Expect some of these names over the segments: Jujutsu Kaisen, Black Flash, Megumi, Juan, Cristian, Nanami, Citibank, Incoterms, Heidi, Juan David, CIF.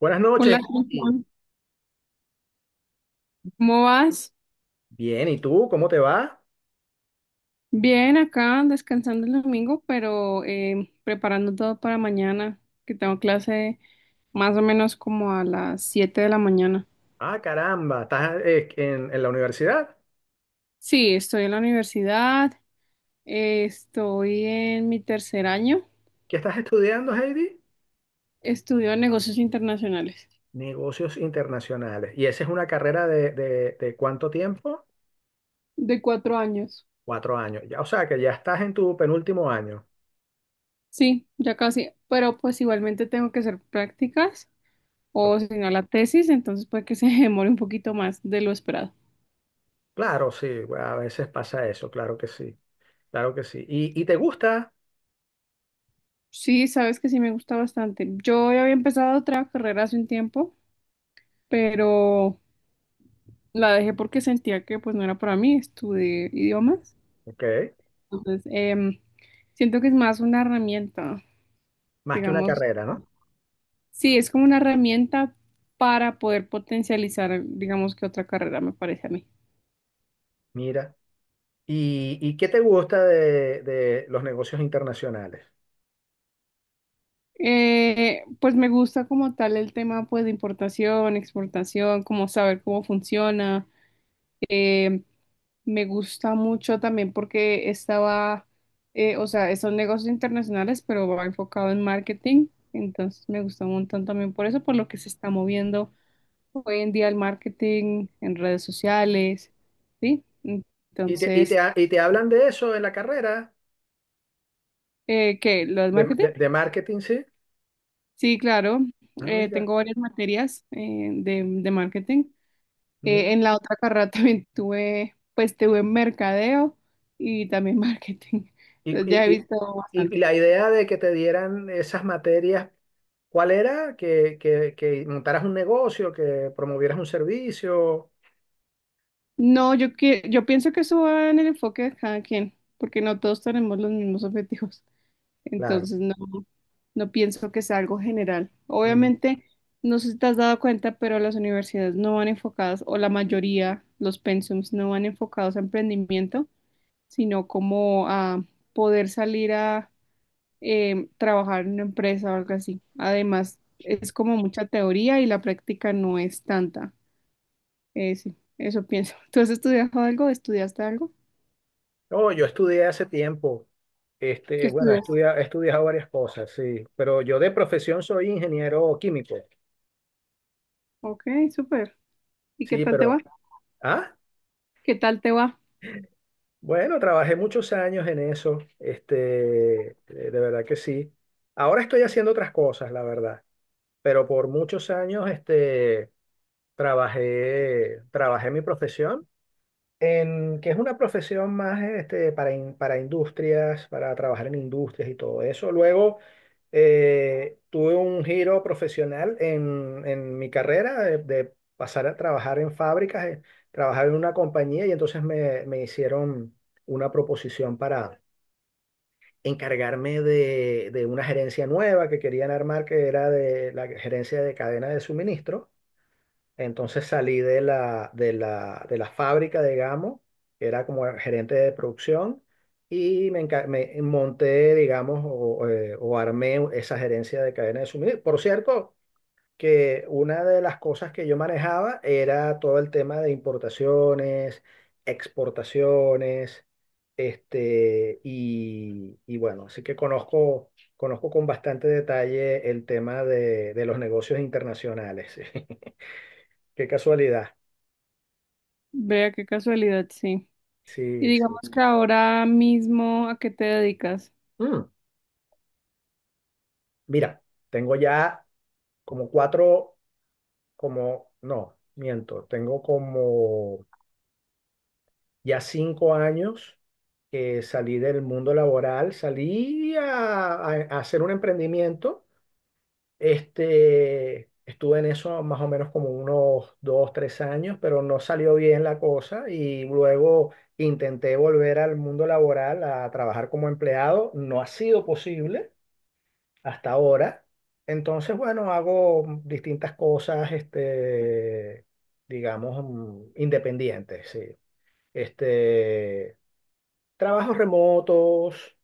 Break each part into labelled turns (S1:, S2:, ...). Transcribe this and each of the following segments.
S1: Buenas noches.
S2: Hola, ¿cómo
S1: Heidi.
S2: Juan? ¿Cómo vas?
S1: Bien, ¿y tú? ¿Cómo te va?
S2: Bien, acá descansando el domingo, pero preparando todo para mañana, que tengo clase más o menos como a las 7 de la mañana.
S1: Ah, caramba, ¿estás en la universidad?
S2: Sí, estoy en la universidad, estoy en mi tercer año,
S1: ¿Qué estás estudiando, Heidi?
S2: estudio negocios internacionales
S1: Negocios internacionales. ¿Y esa es una carrera de cuánto tiempo?
S2: de 4 años.
S1: 4 años. Ya, o sea, que ya estás en tu penúltimo año.
S2: Sí, ya casi, pero pues igualmente tengo que hacer prácticas
S1: Ok.
S2: o si no la tesis, entonces puede que se demore un poquito más de lo esperado.
S1: Claro, sí, bueno, a veces pasa eso, claro que sí, claro que sí. ¿Y te gusta?
S2: Sí, sabes que sí me gusta bastante. Yo ya había empezado otra carrera hace un tiempo, pero la dejé porque sentía que pues no era para mí, estudié idiomas.
S1: Ok,
S2: Entonces, siento que es más una herramienta,
S1: más que una
S2: digamos.
S1: carrera, ¿no?
S2: Sí, es como una herramienta para poder potencializar, digamos, que otra carrera me parece a mí.
S1: Mira. ¿Y qué te gusta de los negocios internacionales?
S2: Pues me gusta como tal el tema pues de importación, exportación, como saber cómo funciona. em, Me gusta mucho también porque estaba, o sea, son negocios internacionales, pero va enfocado en marketing. Entonces me gusta un montón también por eso, por lo que se está moviendo hoy en día el marketing en redes sociales, ¿sí?
S1: ¿Y te, y te,
S2: Entonces,
S1: ha- y te hablan de eso en la carrera?
S2: ¿qué? ¿Lo del
S1: De,
S2: marketing?
S1: de- de marketing, sí.
S2: Sí, claro.
S1: Ah, mira,
S2: Tengo varias materias de marketing.
S1: mira.
S2: En la otra carrera también tuve, pues tuve mercadeo y también marketing.
S1: Y,
S2: Entonces ya he
S1: y,
S2: visto
S1: y
S2: bastante.
S1: la idea de que te dieran esas materias, ¿cuál era? Que montaras un negocio, que promovieras un servicio.
S2: No, yo pienso que eso va en el enfoque de cada quien, porque no todos tenemos los mismos objetivos.
S1: Claro.
S2: Entonces, no, no pienso que sea algo general.
S1: Mm.
S2: Obviamente, no sé si te has dado cuenta, pero las universidades no van enfocadas, o la mayoría, los pensums, no van enfocados a emprendimiento, sino como a poder salir a trabajar en una empresa o algo así. Además, es como mucha teoría y la práctica no es tanta. Sí, eso pienso. ¿Tú has estudiado algo? ¿Estudiaste algo?
S1: No, yo estudié hace tiempo.
S2: ¿Qué
S1: Este, bueno,
S2: estudias?
S1: he estudiado varias cosas, sí. Pero yo de profesión soy ingeniero químico.
S2: Ok, súper. ¿Y qué
S1: Sí,
S2: tal te
S1: pero.
S2: va?
S1: Ah,
S2: ¿Qué tal te va?
S1: bueno, trabajé muchos años en eso. De verdad que sí. Ahora estoy haciendo otras cosas, la verdad. Pero por muchos años trabajé mi profesión, que es una profesión más para industrias, para trabajar en industrias y todo eso. Luego tuve un giro profesional en mi carrera de pasar a trabajar en fábricas, trabajar en una compañía y entonces me hicieron una proposición para encargarme de una gerencia nueva que querían armar, que era de la gerencia de cadena de suministro. Entonces salí de la fábrica, digamos, que era como gerente de producción, y me monté, digamos, o armé esa gerencia de cadena de suministro. Por cierto, que una de las cosas que yo manejaba era todo el tema de importaciones, exportaciones, y bueno, así que conozco con bastante detalle el tema de los negocios internacionales. Qué casualidad.
S2: Vea qué casualidad, sí. Y
S1: Sí, sí.
S2: digamos que ahora mismo, ¿a qué te dedicas?
S1: Mm, mira, tengo ya como cuatro, como, no, miento, tengo como ya 5 años que salí del mundo laboral, salí a hacer un emprendimiento. Estuve en eso más o menos como unos dos, tres años, pero no salió bien la cosa y luego intenté volver al mundo laboral a trabajar como empleado. No ha sido posible hasta ahora. Entonces, bueno, hago distintas cosas, digamos, independientes, sí. Este, trabajos remotos,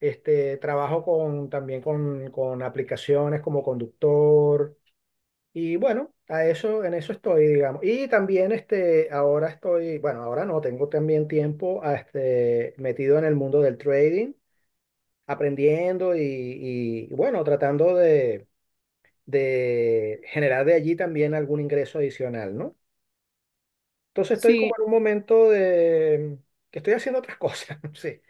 S1: trabajo con aplicaciones como conductor. Y bueno, a eso, en eso estoy, digamos. Y también ahora estoy, bueno, ahora no, tengo también tiempo metido en el mundo del trading, aprendiendo bueno, tratando de generar de allí también algún ingreso adicional, ¿no? Entonces estoy
S2: Sí,
S1: como en un momento de que estoy haciendo otras cosas, sí,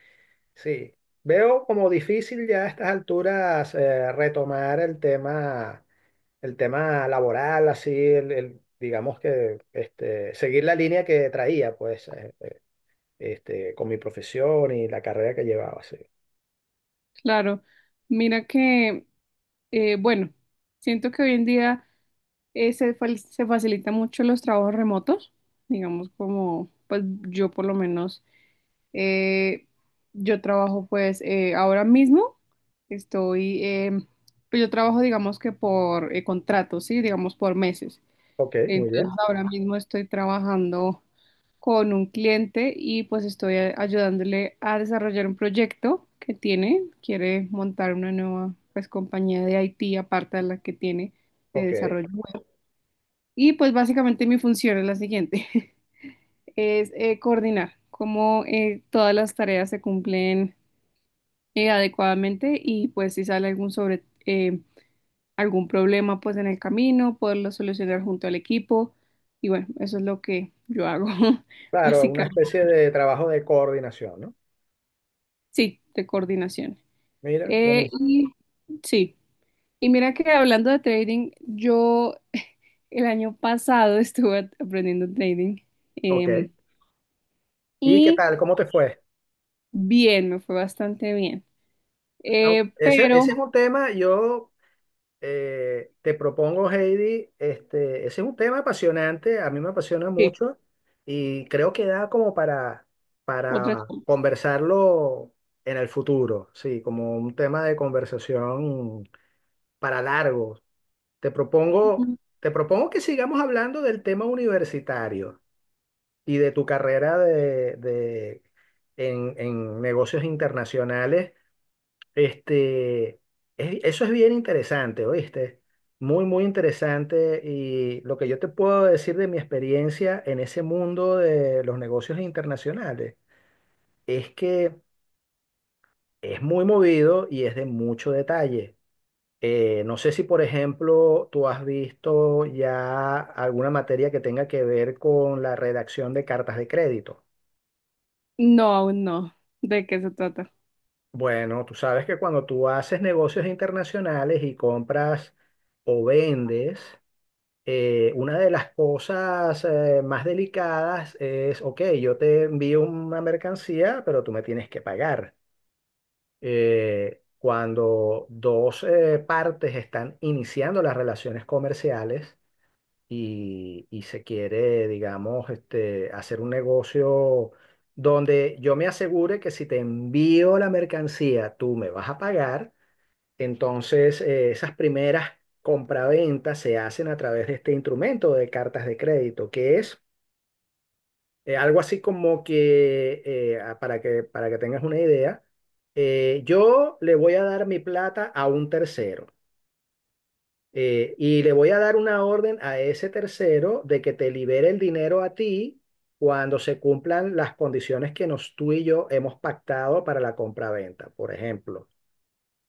S1: sí. Veo como difícil ya a estas alturas retomar el tema laboral, así, digamos que seguir la línea que traía, pues, con mi profesión y la carrera que llevaba, sí.
S2: claro. Mira que, bueno, siento que hoy en día se facilita mucho los trabajos remotos, digamos como, pues yo por lo menos, eh, yo trabajo pues ahora mismo, estoy, pues yo trabajo digamos que por contratos, sí, digamos por meses.
S1: Ok, muy bien,
S2: Entonces ahora mismo estoy trabajando con un cliente y pues estoy ayudándole a desarrollar un proyecto que tiene. Quiere montar una nueva pues compañía de IT aparte de la que tiene de
S1: ok.
S2: desarrollo web. Y pues básicamente mi función es la siguiente, es coordinar cómo todas las tareas se cumplen adecuadamente y pues si sale algún sobresalto algún problema pues en el camino, poderlo solucionar junto al equipo. Y bueno, eso es lo que yo hago,
S1: Claro, una
S2: básicamente.
S1: especie de trabajo de coordinación, ¿no?
S2: Sí, de coordinación.
S1: Mira, buenísimo.
S2: Y sí, y mira que hablando de trading, yo el año pasado estuve aprendiendo trading
S1: Ok.
S2: em,
S1: ¿Y qué
S2: y
S1: tal? ¿Cómo te fue?
S2: bien, me fue bastante bien.
S1: Au- Ese,
S2: Pero,
S1: ese es un tema, yo te propongo, Heidi, ese es un tema apasionante, a mí me apasiona
S2: sí,
S1: mucho y creo que da como para,
S2: otra...
S1: conversarlo en el futuro, sí, como un tema de conversación para largo. Te propongo, te propongo que sigamos hablando del tema universitario y de tu carrera en negocios internacionales. Este, Eso es bien interesante, ¿oíste? Muy, muy interesante. Y lo que yo te puedo decir de mi experiencia en ese mundo de los negocios internacionales es que es muy movido y es de mucho detalle. No sé si, por ejemplo, tú has visto ya alguna materia que tenga que ver con la redacción de cartas de crédito.
S2: No, aún no. ¿De qué se trata?
S1: Bueno, tú sabes que cuando tú haces negocios internacionales y compras o vendes, una de las cosas más delicadas es, ok, yo te envío una mercancía, pero tú me tienes que pagar. Cuando dos partes están iniciando las relaciones comerciales y se quiere, digamos, hacer un negocio donde yo me asegure que si te envío la mercancía, tú me vas a pagar. Entonces, esas primeras compraventas se hacen a través de este instrumento de cartas de crédito, que es algo así como que, para que, tengas una idea, yo le voy a dar mi plata a un tercero, y le voy a dar una orden a ese tercero de que te libere el dinero a ti cuando se cumplan las condiciones que tú y yo hemos pactado para la compraventa, por ejemplo.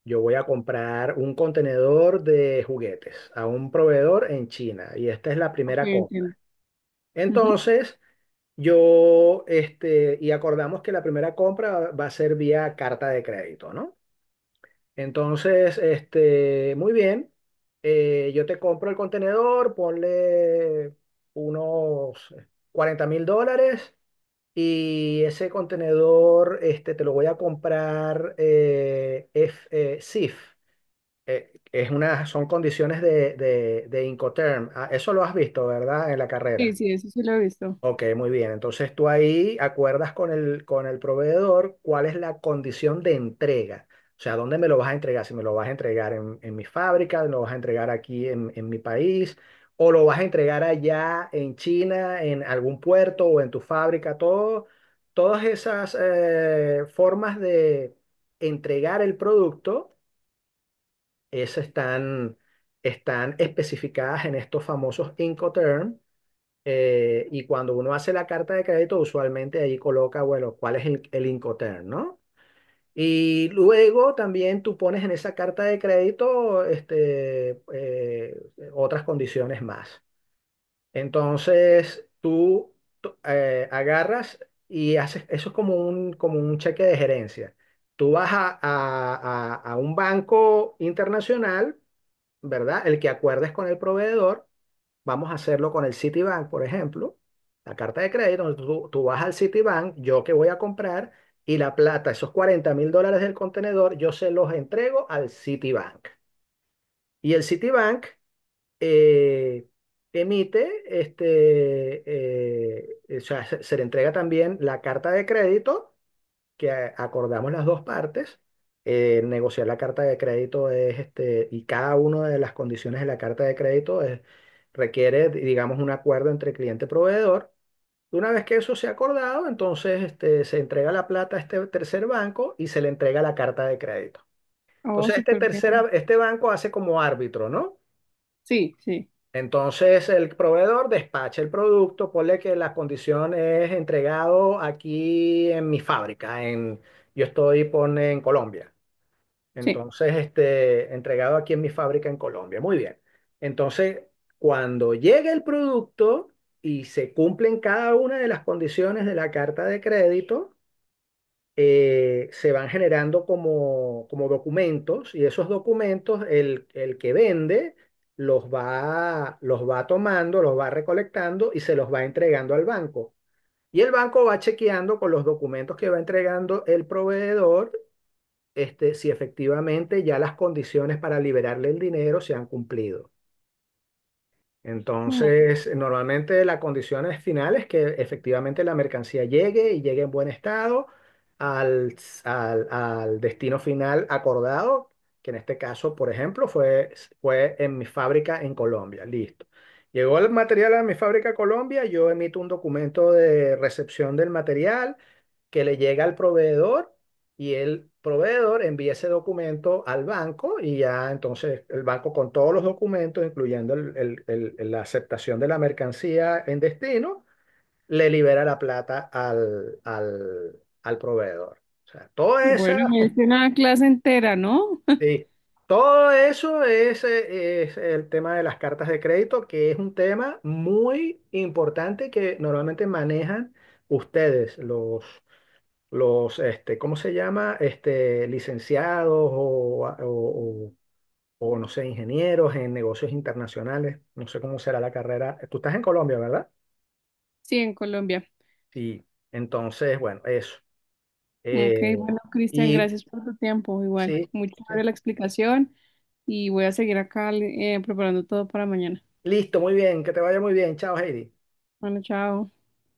S1: Yo voy a comprar un contenedor de juguetes a un proveedor en China y esta es la
S2: Ok,
S1: primera compra.
S2: entiendo. Ujú.
S1: Entonces, y acordamos que la primera compra va a ser vía carta de crédito, ¿no? Entonces, muy bien, yo te compro el contenedor, ponle unos $40.000, y ese contenedor, te lo voy a comprar CIF. Es una, son condiciones de Incoterm. Ah, eso lo has visto, ¿verdad? En la
S2: Sí,
S1: carrera.
S2: sí, eso sí lo he visto.
S1: Ok, muy bien. Entonces tú ahí acuerdas con el, proveedor cuál es la condición de entrega. O sea, ¿dónde me lo vas a entregar? Si me lo vas a entregar en, mi fábrica, lo vas a entregar aquí en mi país, o lo vas a entregar allá en China, en algún puerto o en tu fábrica, todas esas formas de entregar el producto, esas están especificadas en estos famosos Incoterms. Y cuando uno hace la carta de crédito, usualmente ahí coloca, bueno, cuál es el Incoterm, ¿no? Y luego también tú pones en esa carta de crédito otras condiciones más. Entonces tú agarras y haces, eso es como como un cheque de gerencia. Tú vas a un banco internacional, ¿verdad? El que acuerdes con el proveedor, vamos a hacerlo con el Citibank, por ejemplo, la carta de crédito, donde tú vas al Citibank, yo que voy a comprar, y la plata, esos $40.000 del contenedor, yo se los entrego al Citibank. Y el Citibank eh, emite, o sea, se le entrega también la carta de crédito que acordamos las dos partes. Negociar la carta de crédito es y cada una de las condiciones de la carta de crédito requiere, digamos, un acuerdo entre cliente y proveedor. Una vez que eso se ha acordado, entonces se entrega la plata a este tercer banco y se le entrega la carta de crédito.
S2: Oh,
S1: Entonces,
S2: súper bien.
S1: este banco hace como árbitro, ¿no?
S2: Sí, sí,
S1: Entonces el proveedor despacha el producto, ponle que la condición es entregado aquí en mi fábrica, en, yo estoy pone, en Colombia.
S2: sí.
S1: Entonces, entregado aquí en mi fábrica en Colombia. Muy bien. Entonces, cuando llegue el producto y se cumplen cada una de las condiciones de la carta de crédito, se van generando como, documentos, y esos documentos el que vende los va tomando, los va recolectando y se los va entregando al banco. Y el banco va chequeando con los documentos que va entregando el proveedor, si efectivamente ya las condiciones para liberarle el dinero se han cumplido.
S2: Mm.
S1: Entonces, normalmente la condición es final es que efectivamente la mercancía llegue y llegue en buen estado al, al destino final acordado, que en este caso, por ejemplo, fue en mi fábrica en Colombia. Listo. Llegó el material a mi fábrica Colombia, yo emito un documento de recepción del material que le llega al proveedor, y el proveedor envía ese documento al banco y ya entonces el banco con todos los documentos, incluyendo la aceptación de la mercancía en destino, le libera la plata al proveedor. O sea, todo esa,
S2: Bueno, me diste una clase entera, ¿no?
S1: sí, todo eso es el tema de las cartas de crédito, que es un tema muy importante que normalmente manejan ustedes, ¿cómo se llama? Licenciados o, no sé, ingenieros en negocios internacionales. No sé cómo será la carrera. Tú estás en Colombia, ¿verdad?
S2: Sí, en Colombia.
S1: Sí. Entonces, bueno, eso.
S2: Ok,
S1: Eh,
S2: bueno, Cristian,
S1: y
S2: gracias por tu tiempo. Igual,
S1: sí,
S2: muy
S1: sí.
S2: chévere la explicación y voy a seguir acá preparando todo para mañana.
S1: Listo, muy bien. Que te vaya muy bien. Chao, Heidi.
S2: Bueno, chao.